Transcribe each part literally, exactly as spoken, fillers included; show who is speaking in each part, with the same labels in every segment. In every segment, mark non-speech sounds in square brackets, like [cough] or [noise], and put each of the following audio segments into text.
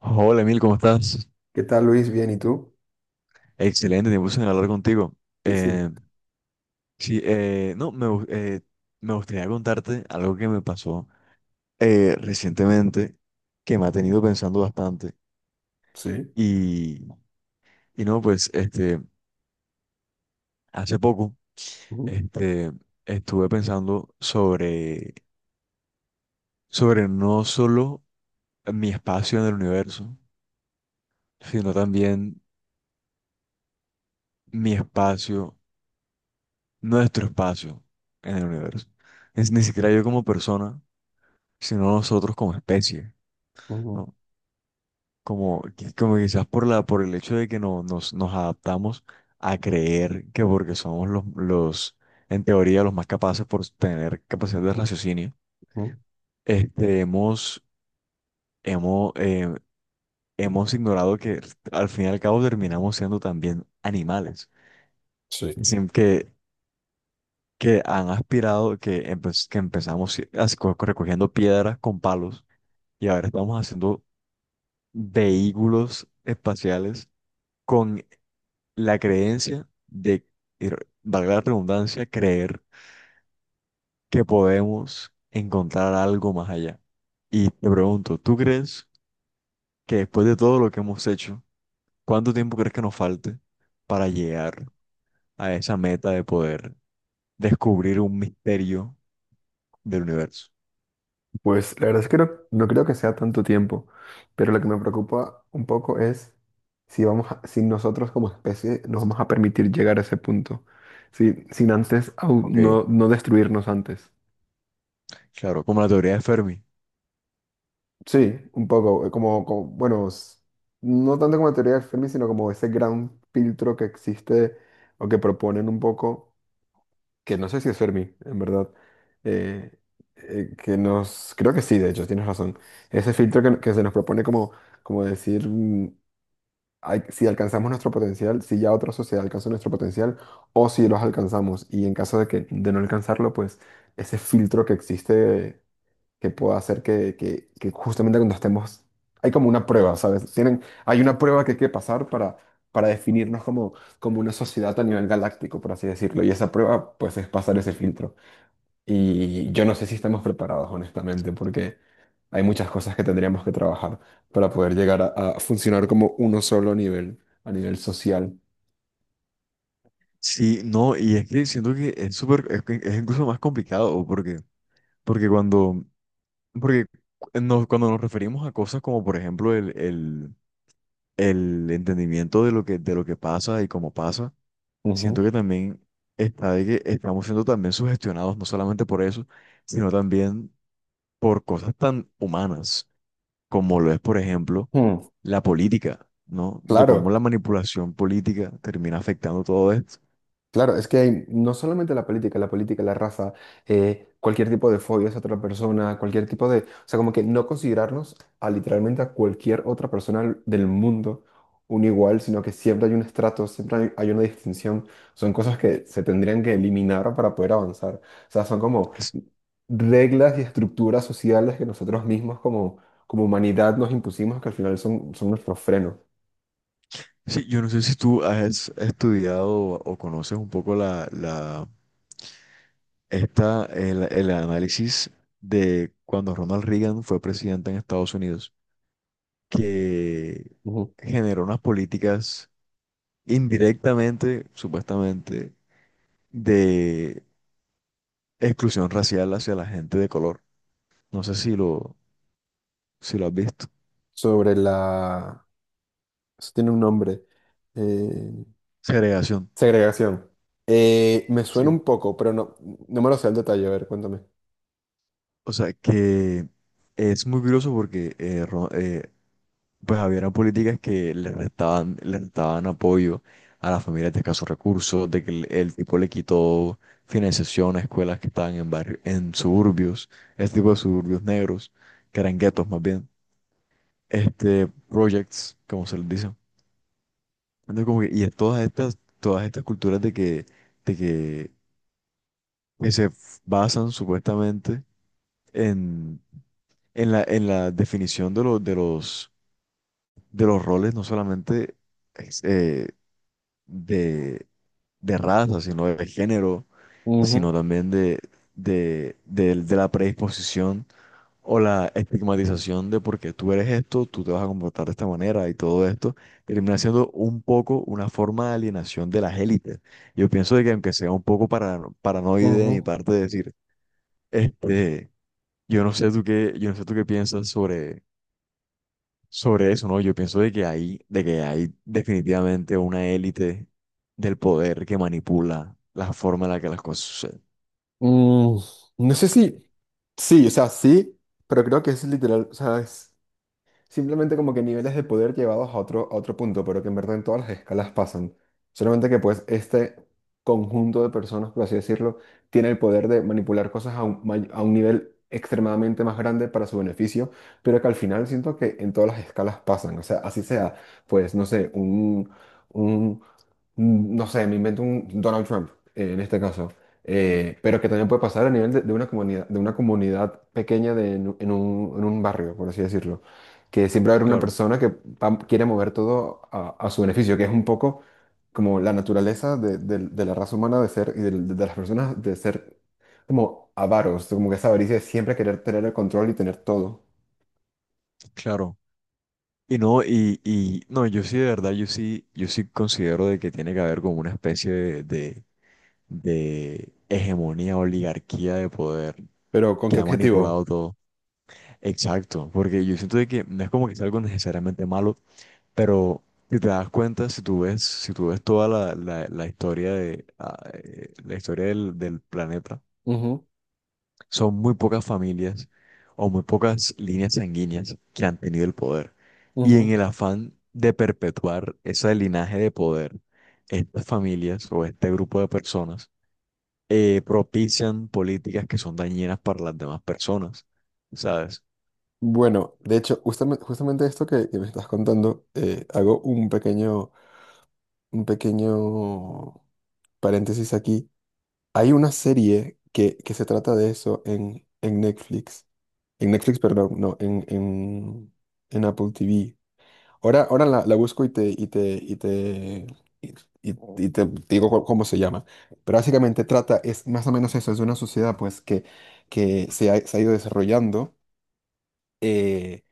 Speaker 1: Hola Emil, ¿cómo estás?
Speaker 2: ¿Qué tal, Luis? ¿Bien? ¿Y tú?
Speaker 1: Excelente, tiempo sin hablar contigo.
Speaker 2: Sí, sí.
Speaker 1: Eh, sí, eh, no, me, gu- eh, me gustaría contarte algo que me pasó eh, recientemente que me ha tenido pensando bastante.
Speaker 2: Sí.
Speaker 1: Y, y no, pues, este, hace poco,
Speaker 2: Ujú,
Speaker 1: este, estuve pensando sobre, sobre no solo mi espacio en el universo, sino también mi espacio, nuestro espacio en el universo. Es, ni siquiera yo como persona sino nosotros como especie,
Speaker 2: ujú,
Speaker 1: ¿no? Como, qui- como quizás por la, por el hecho de que no, nos, nos adaptamos a creer que porque somos los, los, en teoría, los más capaces por tener capacidad de raciocinio,
Speaker 2: ujú.
Speaker 1: este, hemos, hemos, eh, hemos ignorado que al fin y al cabo terminamos siendo también animales,
Speaker 2: Sí.
Speaker 1: sin que, que han aspirado, que, empe- que empezamos si- as- co- recogiendo piedras con palos y ahora estamos haciendo vehículos espaciales con la creencia de, y re- valga la redundancia, creer que podemos encontrar algo más allá. Y te pregunto, ¿tú crees que después de todo lo que hemos hecho, cuánto tiempo crees que nos falte para llegar a esa meta de poder descubrir un misterio del universo?
Speaker 2: Pues la verdad es que no, no creo que sea tanto tiempo, pero lo que me preocupa un poco es si vamos a- si nosotros como especie nos vamos a permitir llegar a ese punto, si- sin antes au-
Speaker 1: Ok,
Speaker 2: no, no destruirnos antes.
Speaker 1: claro, como la teoría de Fermi.
Speaker 2: Sí, un poco, eh, como, como- bueno, s- no tanto como teoría de Fermi, sino como ese gran filtro que existe o que proponen un poco. Que no sé si es Fermi, en verdad, eh, eh, que nos, creo que sí, de hecho, tienes razón. Ese filtro que, que se nos propone como, como decir mm, ay, si alcanzamos nuestro potencial, si ya otra sociedad alcanzó nuestro potencial o si los alcanzamos y en caso de que de no alcanzarlo, pues ese filtro que existe que pueda hacer que, que, que justamente cuando estemos, hay como una prueba, ¿sabes? Tienen, hay una prueba que hay que pasar para, para definirnos como, como una sociedad a nivel galáctico, por así decirlo, y esa prueba pues es pasar ese filtro. Y yo no sé si estamos preparados, honestamente, porque hay muchas cosas que tendríamos que trabajar para poder llegar a, a funcionar como uno solo a nivel, a nivel social.
Speaker 1: Sí, no, y es que siento que es súper, es, que es incluso más complicado, porque, porque cuando Porque nos- cuando nos referimos a cosas como, por ejemplo, el, el, el entendimiento de lo que, de lo que pasa y cómo pasa,
Speaker 2: Ujú.
Speaker 1: siento que también está de que estamos siendo también sugestionados, no solamente por eso, sino también por cosas tan humanas como lo es, por ejemplo,
Speaker 2: Mm,
Speaker 1: la política, ¿no? De cómo
Speaker 2: claro.
Speaker 1: la manipulación política termina afectando todo esto.
Speaker 2: Claro, es que hay no solamente la política, la política, la raza, eh, cualquier tipo de fobia hacia otra persona, cualquier tipo de, o sea, como que no considerarnos a literalmente a cualquier otra persona del mundo un igual, sino que siempre hay un estrato, siempre hay, hay una distinción, son cosas que se tendrían que eliminar para poder avanzar. O sea, son como
Speaker 1: Es-
Speaker 2: reglas y estructuras sociales que nosotros mismos como, como humanidad nos impusimos que al final son, son nuestro freno.
Speaker 1: sí, yo no sé si tú has estudiado o conoces un poco la, la Está el, el análisis de cuando Ronald Reagan fue presidente en Estados Unidos, que
Speaker 2: Ujú.
Speaker 1: generó unas políticas indirectamente, supuestamente, de exclusión racial hacia la gente de color. No sé si lo, si lo has visto.
Speaker 2: Sobre la... Eso tiene un nombre. Eh,
Speaker 1: Segregación.
Speaker 2: Segregación. Eh, me
Speaker 1: Sí.
Speaker 2: suena un poco, pero no, no me lo sé al detalle. A ver, cuéntame.
Speaker 1: O sea, que es muy curioso porque eh, Ro- eh, pues había políticas que le restaban, le restaban apoyo a las familias de escasos recursos, de que el, el tipo le quitó financiación a escuelas que estaban en barrio, en suburbios, este tipo de suburbios negros, que eran guetos más bien, este, projects, como se les dice. Entonces, como que- y es todas estas, todas estas culturas de que, de que, que se f- basan supuestamente en, en la, en la definición de los, de los, de los roles, no solamente es, eh, de de raza, sino de género, sino
Speaker 2: Ujú,
Speaker 1: también de, de, del- de la predisposición o la estigmatización de porque tú eres esto, tú te vas a comportar de esta manera y todo esto, termina siendo un poco una forma de alienación de las élites. Yo pienso de que aunque sea un poco para, paranoide de mi
Speaker 2: ujú.
Speaker 1: parte decir, este, yo no sé tú qué, yo no sé tú qué piensas sobre sobre eso, ¿no? Yo pienso de que hay, de que hay definitivamente una élite del poder que manipula la forma en la que las cosas suceden.
Speaker 2: Mm, no sé si. Sí, o sea, sí, pero creo que es literal, o sea, es simplemente como que niveles de poder llevados a otro, a otro punto, pero que en verdad en todas las escalas pasan. Solamente que pues este conjunto de personas, por así decirlo, tiene el poder de manipular cosas a un, may- a un nivel extremadamente más grande para su beneficio, pero que al final siento que en todas las escalas pasan. O sea, así sea, pues no sé, un, un mm, no sé, me invento un Donald Trump eh, en este caso, eh, pero que también puede pasar a nivel de, de una comunidad, de una comunidad pequeña de, en, un, en un- en un barrio, por así decirlo, que siempre va a haber una
Speaker 1: Claro,
Speaker 2: persona que va- quiere mover todo a, a su beneficio, que es un poco como la naturaleza de, de- de la raza humana de ser y de, de las personas de ser como avaros, como que esa avaricia de siempre querer tener el control y tener todo.
Speaker 1: claro. Y no, y, y no, yo sí de verdad, yo sí, yo sí considero de que tiene que haber como una especie de, de, de hegemonía, oligarquía de poder
Speaker 2: Pero ¿con qué
Speaker 1: que ha manipulado
Speaker 2: objetivo?
Speaker 1: todo. Exacto, porque yo siento de que no es como que sea algo necesariamente malo, pero si te das cuenta, si tú ves, si tú ves toda la, la, la historia de ah, eh, la historia del, del planeta,
Speaker 2: Ujú,
Speaker 1: son muy pocas familias o muy pocas líneas sanguíneas que han tenido el poder. Y en
Speaker 2: ujú.
Speaker 1: el afán de perpetuar ese linaje de poder, estas familias o este grupo de personas eh, propician políticas que son dañinas para las demás personas, ¿sabes?
Speaker 2: Bueno, de hecho, justamente, justamente esto que, que me estás contando, eh, hago un pequeño, un pequeño paréntesis aquí. Hay una serie que, que se trata de eso en, en Netflix. En Netflix, perdón, no, en, en, en Apple T V. Ahora, ahora la, la busco y te, y te, y te, y, y- y te digo cu- cómo se llama. Pero básicamente trata, es más o menos eso, es de una sociedad pues que, que se ha, se ha ido desarrollando. eh,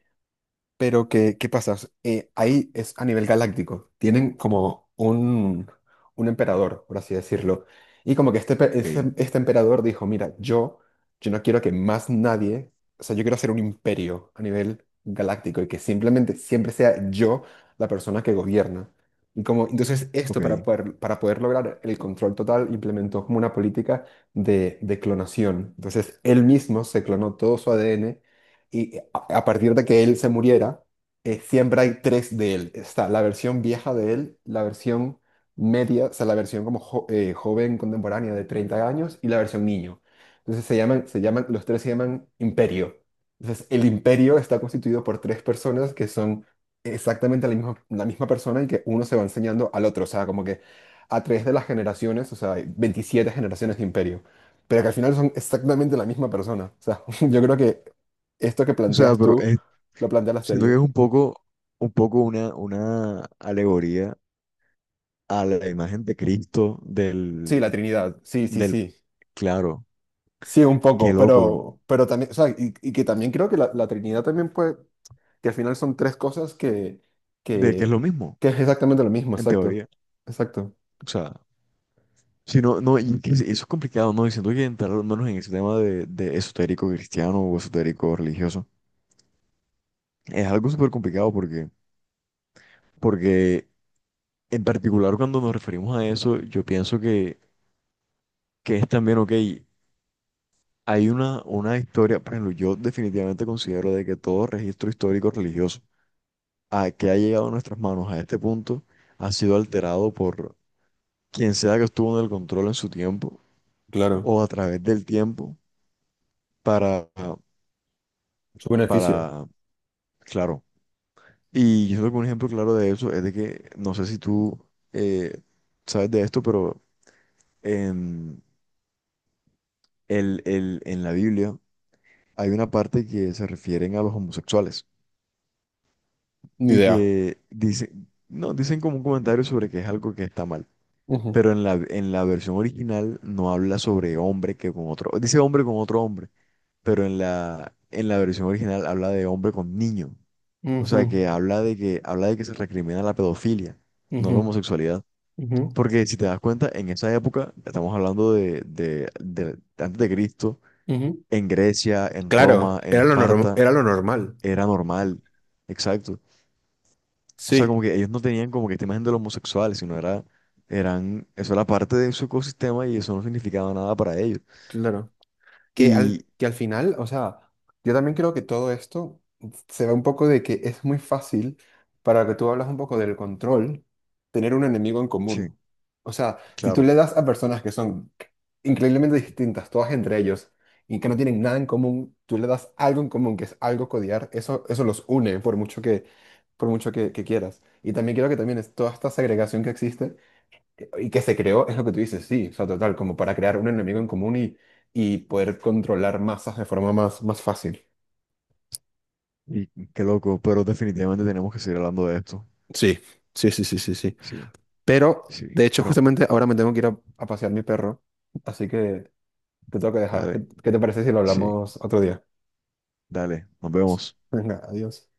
Speaker 2: Pero ¿qué, qué pasa? Eh, ahí es a nivel galáctico. Tienen como un, un emperador, por así decirlo. Y como que este, pe- este,
Speaker 1: Ok,
Speaker 2: este emperador dijo, mira, yo, yo no quiero que más nadie, o sea, yo quiero hacer un imperio a nivel galáctico y que simplemente siempre sea yo la persona que gobierna. Y como, entonces esto para
Speaker 1: ok.
Speaker 2: poder, para poder lograr el control total implementó como una política de, de clonación. Entonces él mismo se clonó todo su A D N a a partir de que él se muriera, eh, siempre hay tres de él. Está la versión vieja de él, la versión media, o sea, la versión como jo- eh, joven contemporánea de treinta años y la versión niño. Entonces se llaman, se llaman, los tres se llaman imperio. Entonces el imperio está constituido por tres personas que son exactamente la misma, la misma persona y que uno se va enseñando al otro. O sea, como que a través de las generaciones, o sea, hay veintisiete generaciones de imperio. Pero que al final son exactamente la misma persona. O sea, [laughs] yo creo que esto que
Speaker 1: O sea,
Speaker 2: planteas
Speaker 1: pero
Speaker 2: tú
Speaker 1: es-
Speaker 2: lo plantea la
Speaker 1: siento que es
Speaker 2: serie.
Speaker 1: un poco, un poco una, una alegoría a la imagen de Cristo
Speaker 2: Sí, la
Speaker 1: del,
Speaker 2: Trinidad, sí, sí,
Speaker 1: del,
Speaker 2: sí.
Speaker 1: claro,
Speaker 2: Sí, un
Speaker 1: qué
Speaker 2: poco,
Speaker 1: loco,
Speaker 2: pero, pero también, o sea, y, y que también creo que la, la Trinidad también puede, que al final son tres cosas que,
Speaker 1: de que es lo
Speaker 2: que,
Speaker 1: mismo,
Speaker 2: que es exactamente lo mismo,
Speaker 1: en
Speaker 2: exacto,
Speaker 1: teoría.
Speaker 2: exacto.
Speaker 1: O sea, si no, no, y que es- eso es complicado, ¿no? Y siento que entrar al menos en ese tema de, de esotérico cristiano o esotérico religioso es algo súper complicado porque, porque en particular cuando nos referimos a eso, yo pienso que, que es también, ok, hay una, una historia, por ejemplo, yo definitivamente considero de que todo registro histórico religioso a que ha llegado a nuestras manos a este punto ha sido alterado por quien sea que estuvo en el control en su tiempo
Speaker 2: Claro,
Speaker 1: o a través del tiempo para,
Speaker 2: su beneficio.
Speaker 1: para, claro. Y yo creo que un ejemplo claro de eso es de que, no sé si tú eh, sabes de esto, pero en, el, el- en la Biblia hay una parte que se refieren a los homosexuales
Speaker 2: Ni
Speaker 1: y
Speaker 2: idea.
Speaker 1: que dicen, no, dicen como un comentario sobre que es algo que está mal,
Speaker 2: Ujú,
Speaker 1: pero en la, en la versión original no habla sobre hombre que con otro, dice hombre con otro hombre, pero en la, en la versión original habla de hombre con niño, o
Speaker 2: ujú,
Speaker 1: sea que habla de que, habla de que se recrimina la pedofilia, no la
Speaker 2: ujú,
Speaker 1: homosexualidad.
Speaker 2: ujú,
Speaker 1: Porque si te das cuenta, en esa época, estamos hablando de, de, de- de antes de Cristo,
Speaker 2: ujú.
Speaker 1: en Grecia, en
Speaker 2: Claro,
Speaker 1: Roma, en
Speaker 2: era lo norm-
Speaker 1: Esparta,
Speaker 2: era lo normal.
Speaker 1: era normal. Exacto. O sea, como
Speaker 2: Sí,
Speaker 1: que ellos no tenían como que esta imagen de los homosexuales, sino era, eran, eso era parte de su ecosistema y eso no significaba nada para ellos.
Speaker 2: claro. Que
Speaker 1: Y
Speaker 2: al, que al final, o sea, yo también creo que todo esto se ve un poco de que es muy fácil para lo que tú hablas un poco del control, tener un enemigo en
Speaker 1: sí,
Speaker 2: común. O sea, si tú
Speaker 1: claro.
Speaker 2: le das a personas que son increíblemente distintas, todas entre ellos, y que no tienen nada en común, tú le das algo en común, que es algo codiar eso, eso los une por mucho que, por mucho que, que quieras. Y también creo que también es toda esta segregación que existe y que se creó, es lo que tú dices, sí, o sea, total, como para crear un enemigo en común y, y poder controlar masas de forma más, más fácil.
Speaker 1: Y qué loco, pero definitivamente tenemos que seguir hablando de esto.
Speaker 2: Sí, sí, sí, sí, sí, sí.
Speaker 1: Sí,
Speaker 2: Pero,
Speaker 1: sí.
Speaker 2: de hecho,
Speaker 1: Bro,
Speaker 2: justamente ahora me tengo que ir a, a pasear mi perro, así que te tengo que dejar. ¿Qué,
Speaker 1: dale,
Speaker 2: qué te parece si lo
Speaker 1: sí,
Speaker 2: hablamos otro día?
Speaker 1: dale, nos vemos.
Speaker 2: Venga, adiós.